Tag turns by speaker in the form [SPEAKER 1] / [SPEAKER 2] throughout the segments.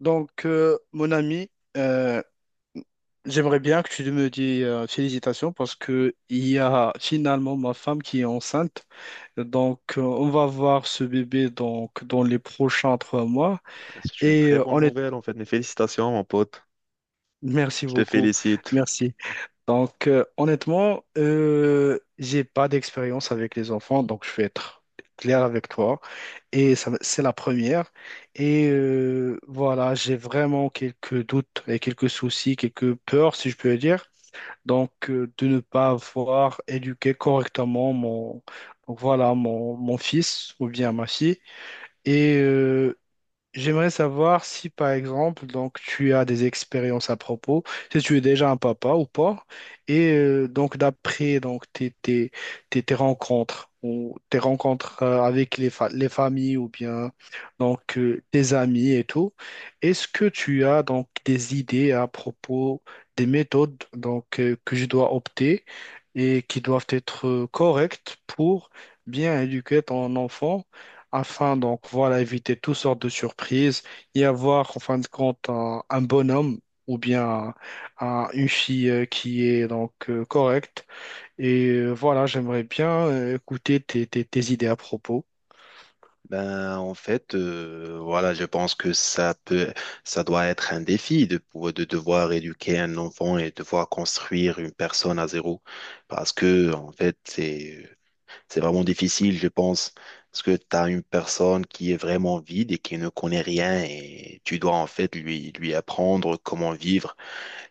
[SPEAKER 1] Mon ami, euh, j'aimerais bien que tu me dises félicitations parce que il y a finalement ma femme qui est enceinte. On va voir ce bébé donc, dans les prochains 3 mois.
[SPEAKER 2] C'est une
[SPEAKER 1] Et
[SPEAKER 2] très
[SPEAKER 1] euh,
[SPEAKER 2] bonne
[SPEAKER 1] honnêt-
[SPEAKER 2] nouvelle, en fait. Mais félicitations, mon pote.
[SPEAKER 1] Merci
[SPEAKER 2] Je te
[SPEAKER 1] beaucoup.
[SPEAKER 2] félicite.
[SPEAKER 1] Merci. Honnêtement, j'ai pas d'expérience avec les enfants, donc je vais être clair avec toi. Et ça, c'est la première. Voilà, j'ai vraiment quelques doutes et quelques soucis, quelques peurs, si je peux dire. De ne pas avoir éduqué correctement mon, donc voilà, mon fils ou bien ma fille. Et, euh, J'aimerais savoir si, par exemple, donc tu as des expériences à propos, si tu es déjà un papa ou pas, donc d'après donc tes rencontres ou tes rencontres avec les familles ou bien tes amis et tout, est-ce que tu as donc des idées à propos des méthodes que je dois opter et qui doivent être correctes pour bien éduquer ton enfant, afin donc voilà éviter toutes sortes de surprises et avoir en fin de compte un bonhomme ou bien une fille qui est correcte. Voilà, j'aimerais bien écouter tes idées à propos.
[SPEAKER 2] Ben, en fait, voilà, je pense que ça doit être un défi de devoir éduquer un enfant et devoir construire une personne à zéro. Parce que, en fait, c'est vraiment difficile, je pense. Parce que tu as une personne qui est vraiment vide et qui ne connaît rien et tu dois, en fait, lui apprendre comment vivre.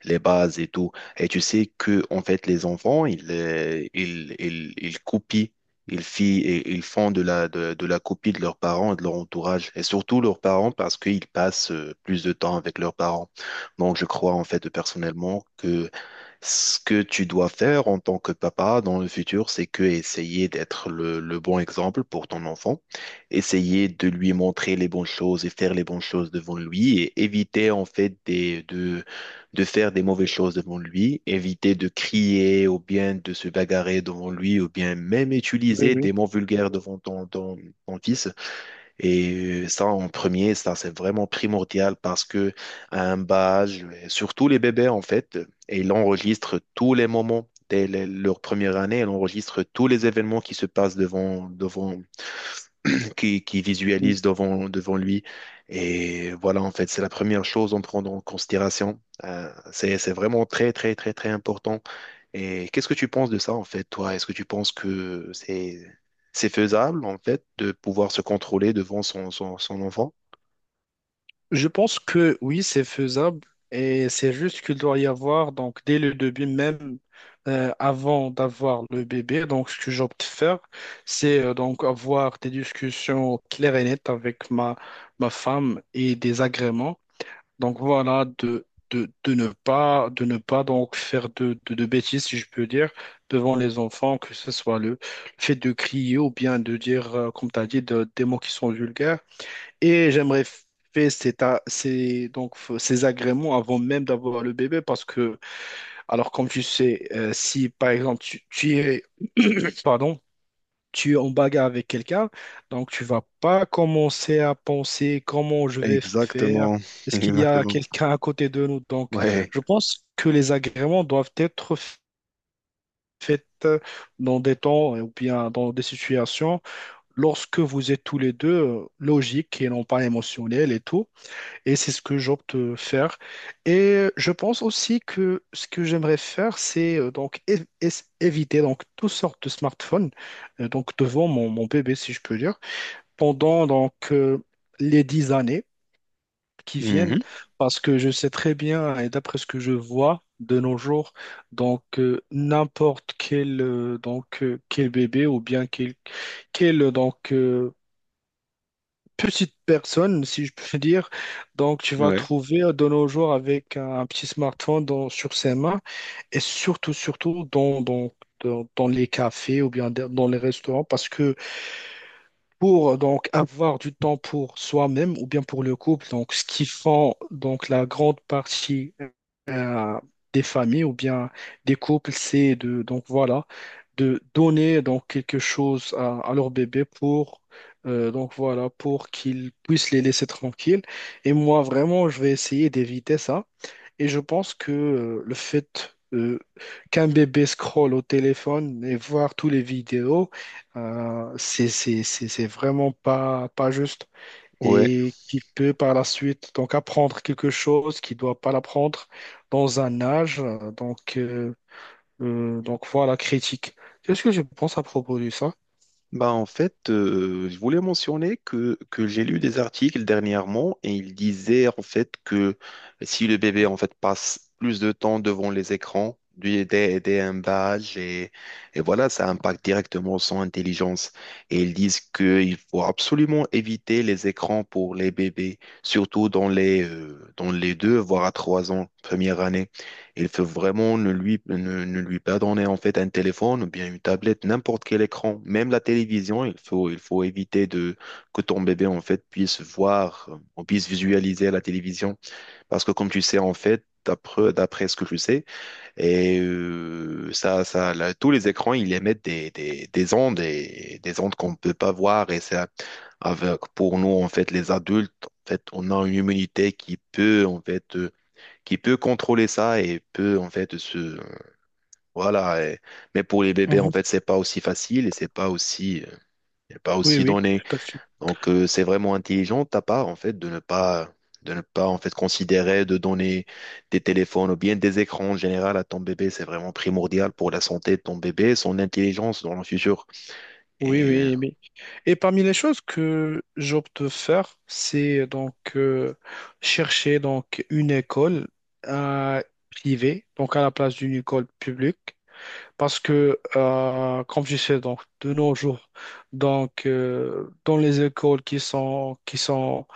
[SPEAKER 2] Les bases et tout. Et tu sais que en fait les enfants ils copient, ils fi- et ils font de la copie de leurs parents et de leur entourage, et surtout leurs parents parce qu'ils passent plus de temps avec leurs parents. Donc je crois en fait personnellement que ce que tu dois faire en tant que papa dans le futur, c'est que essayer d'être le bon exemple pour ton enfant, essayer de lui montrer les bonnes choses et faire les bonnes choses devant lui, et éviter en fait de faire des mauvaises choses devant lui, éviter de crier ou bien de se bagarrer devant lui ou bien même
[SPEAKER 1] Oui,
[SPEAKER 2] utiliser
[SPEAKER 1] oui.
[SPEAKER 2] des mots vulgaires devant ton fils. Et ça, en premier, ça, c'est vraiment primordial parce que à un bas âge, surtout les bébés, en fait, et ils enregistrent tous les moments. Dès leur première année, elle enregistre tous les événements qui se passent qui visualise devant lui. Et voilà, en fait, c'est la première chose à prendre en considération. C'est vraiment très important. Et qu'est-ce que tu penses de ça, en fait, toi? Est-ce que tu penses que c'est faisable, en fait, de pouvoir se contrôler devant son enfant?
[SPEAKER 1] Je pense que oui, c'est faisable et c'est juste qu'il doit y avoir, donc dès le début même, avant d'avoir le bébé, donc ce que j'opte faire, c'est donc avoir des discussions claires et nettes avec ma femme et des agréments. Donc voilà, de ne pas donc faire de bêtises, si je peux dire, devant les enfants, que ce soit le fait de crier ou bien de dire, comme tu as dit, des mots qui sont vulgaires. Et j'aimerais faire ces, ta- ces- donc, f- ces agréments avant même d'avoir le bébé parce que, alors comme tu sais, si par exemple tu es, pardon, tu es en bagarre avec quelqu'un, donc tu vas pas commencer à penser comment je vais faire,
[SPEAKER 2] Exactement,
[SPEAKER 1] est-ce qu'il y a
[SPEAKER 2] exactement.
[SPEAKER 1] quelqu'un à côté de nous? Donc
[SPEAKER 2] Ouais.
[SPEAKER 1] je pense que les agréments doivent être faits dans des temps ou bien dans des situations lorsque vous êtes tous les deux logiques et non pas émotionnels et tout. Et c'est ce que j'opte faire. Et je pense aussi que ce que j'aimerais faire, c'est donc éviter donc toutes sortes de smartphones donc devant mon bébé, si je peux dire, pendant les 10 années qui viennent,
[SPEAKER 2] Mhm.
[SPEAKER 1] parce que je sais très bien et d'après ce que je vois de nos jours, n'importe quel quel bébé ou bien quel petite personne, si je peux dire. Donc, tu vas le
[SPEAKER 2] Ouais.
[SPEAKER 1] trouver de nos jours avec un petit smartphone sur ses mains et surtout dans les cafés ou bien dans les restaurants parce que pour donc avoir du temps pour soi-même ou bien pour le couple, donc ce qui font donc la grande partie euh, des familles ou bien des couples, c'est de donc voilà de donner donc quelque chose à leur bébé pour donc voilà pour qu'ils puissent les laisser tranquilles. Et moi vraiment, je vais essayer d'éviter ça. Et je pense que le fait qu'un bébé scrolle au téléphone et voir toutes les vidéos, c'est vraiment pas juste.
[SPEAKER 2] Ouais.
[SPEAKER 1] Et qu'il peut par la suite donc apprendre quelque chose qu'il ne doit pas l'apprendre dans un âge donc donc voilà, critique. Qu'est-ce que je pense à propos de ça?
[SPEAKER 2] Bah en fait, je voulais mentionner que j'ai lu des articles dernièrement et ils disaient en fait que si le bébé en fait passe plus de temps devant les écrans, dès un bas âge, et voilà, ça impacte directement son intelligence. Et ils disent qu'il faut absolument éviter les écrans pour les bébés, surtout dans les deux, voire à trois ans, première année. Il faut vraiment ne lui pas donner en fait un téléphone ou bien une tablette, n'importe quel écran, même la télévision. Il faut éviter de, que ton bébé en fait puisse voir ou puisse visualiser la télévision. Parce que comme tu sais en fait, d'après ce que je sais, là, tous les écrans, ils émettent des ondes, et des ondes qu'on ne peut pas voir. Et ça, avec, pour nous en fait, les adultes, en fait, on a une immunité qui peut en fait... qui peut contrôler ça et peut en fait se voilà et- mais pour les bébés en
[SPEAKER 1] Mhm.
[SPEAKER 2] fait c'est pas aussi facile et c'est pas
[SPEAKER 1] Oui,
[SPEAKER 2] aussi
[SPEAKER 1] oui,
[SPEAKER 2] donné.
[SPEAKER 1] tout à fait.
[SPEAKER 2] Donc c'est vraiment intelligent de ta part en fait de ne pas, de ne pas en fait considérer de donner des téléphones ou bien des écrans en général à ton bébé. C'est vraiment primordial pour la santé de ton bébé, son intelligence dans le futur.
[SPEAKER 1] Oui,
[SPEAKER 2] Et
[SPEAKER 1] oui, oui. Et parmi les choses que j'opte de faire, c'est chercher donc une école euh, privée, donc à la place d'une école publique, parce que comme je sais donc de nos jours, dans les écoles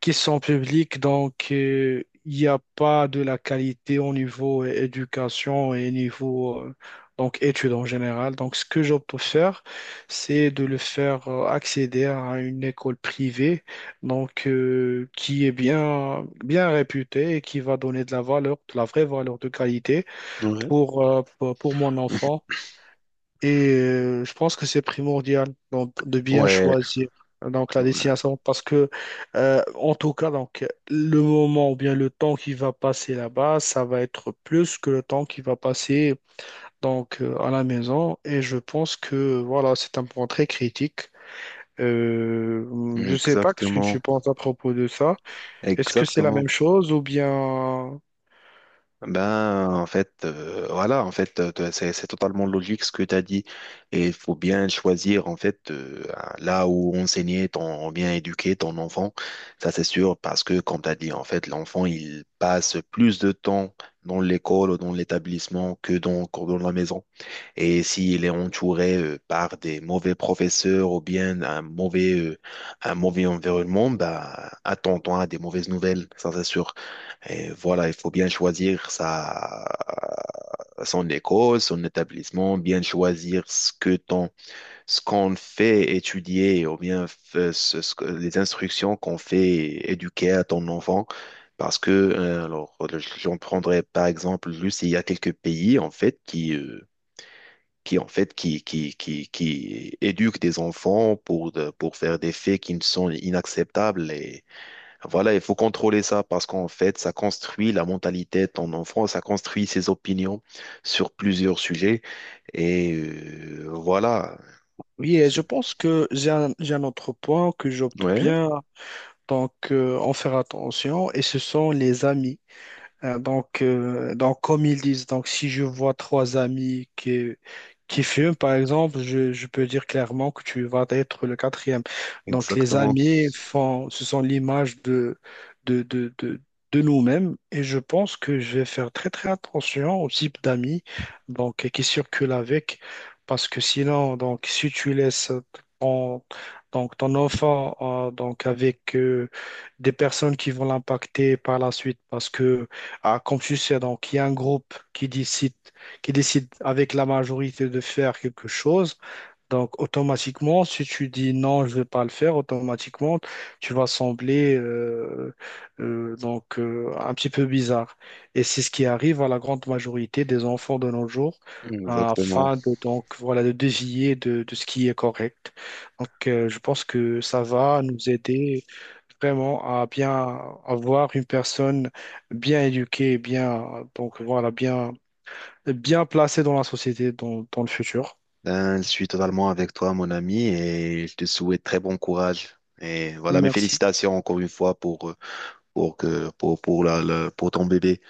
[SPEAKER 1] qui sont publics il n'y a pas de la qualité au niveau éducation et niveau donc études en général. Donc ce que j'opte pour faire, c'est de le faire accéder à une école privée qui est bien bien réputée et qui va donner de la valeur, de la vraie valeur de qualité
[SPEAKER 2] ouais.
[SPEAKER 1] pour pour mon enfant et je pense que c'est primordial donc, de bien
[SPEAKER 2] Ouais,
[SPEAKER 1] choisir donc la
[SPEAKER 2] ouais,
[SPEAKER 1] destination parce que en tout cas donc le moment ou bien le temps qui va passer là-bas, ça va être plus que le temps qui va passer à la maison et je pense que voilà, c'est un point très critique. Je sais pas ce que tu
[SPEAKER 2] exactement,
[SPEAKER 1] penses à propos de ça. Est-ce que c'est la
[SPEAKER 2] exactement.
[SPEAKER 1] même chose ou bien…
[SPEAKER 2] Ben, en fait, c'est totalement logique ce que tu as dit. Et il faut bien choisir, en fait, là où enseigner ton, bien éduquer ton enfant. Ça, c'est sûr, parce que, comme tu as dit, en fait, l'enfant, il passe plus de temps dans l'école ou dans l'établissement que que dans la maison. Et s'il est entouré, par des mauvais professeurs ou bien un mauvais environnement, bah, attends-toi à des mauvaises nouvelles. Ça, c'est sûr. Et voilà, il faut bien choisir sa, son école, son établissement, bien choisir ce que ton, ce qu'on fait étudier ou bien ce que, les instructions qu'on fait éduquer à ton enfant. Parce que, alors, j'en prendrai par exemple juste, il y a quelques pays en fait qui éduquent des enfants pour, pour faire des faits qui ne sont inacceptables. Voilà, il faut contrôler ça parce qu'en fait, ça construit la mentalité de ton enfant, ça construit ses opinions sur plusieurs sujets. Et voilà.
[SPEAKER 1] Oui, et je pense que j'ai j'ai un autre point que j'opte
[SPEAKER 2] Ouais,
[SPEAKER 1] bien en faire attention. Et ce sont les amis. Donc, comme ils disent, donc si je vois trois amis qui fument, par exemple, je peux dire clairement que tu vas être le quatrième. Donc, les
[SPEAKER 2] exactement.
[SPEAKER 1] amis font, ce sont l'image de, de, de, de nous-mêmes et je pense que je vais faire très, très attention au type d'amis donc, qui circulent avec parce que sinon, donc, si tu laisses ton, ton enfant avec des personnes qui vont l'impacter par la suite parce que ah, comme tu sais, donc, il y a un groupe qui décide avec la majorité de faire quelque chose. Donc, automatiquement, si tu dis non, je ne vais pas le faire, automatiquement, tu vas sembler un petit peu bizarre. Et c'est ce qui arrive à la grande majorité des enfants de nos jours
[SPEAKER 2] Exactement.
[SPEAKER 1] afin de, donc, voilà, de dévier de ce qui est correct. Je pense que ça va nous aider vraiment à bien avoir une personne bien éduquée, bien, donc, voilà, bien, bien placée dans la société, dans le futur.
[SPEAKER 2] Ben, je suis totalement avec toi, mon ami, et je te souhaite très bon courage. Et voilà, mes
[SPEAKER 1] Merci.
[SPEAKER 2] félicitations encore une fois pour, pour pour ton bébé.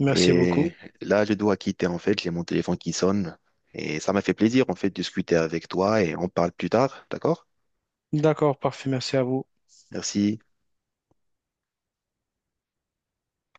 [SPEAKER 1] Merci
[SPEAKER 2] Et
[SPEAKER 1] beaucoup.
[SPEAKER 2] là, je dois quitter, en fait, j'ai mon téléphone qui sonne. Et ça m'a fait plaisir, en fait, de discuter avec toi, et on parle plus tard, d'accord?
[SPEAKER 1] D'accord, parfait, merci à vous.
[SPEAKER 2] Merci.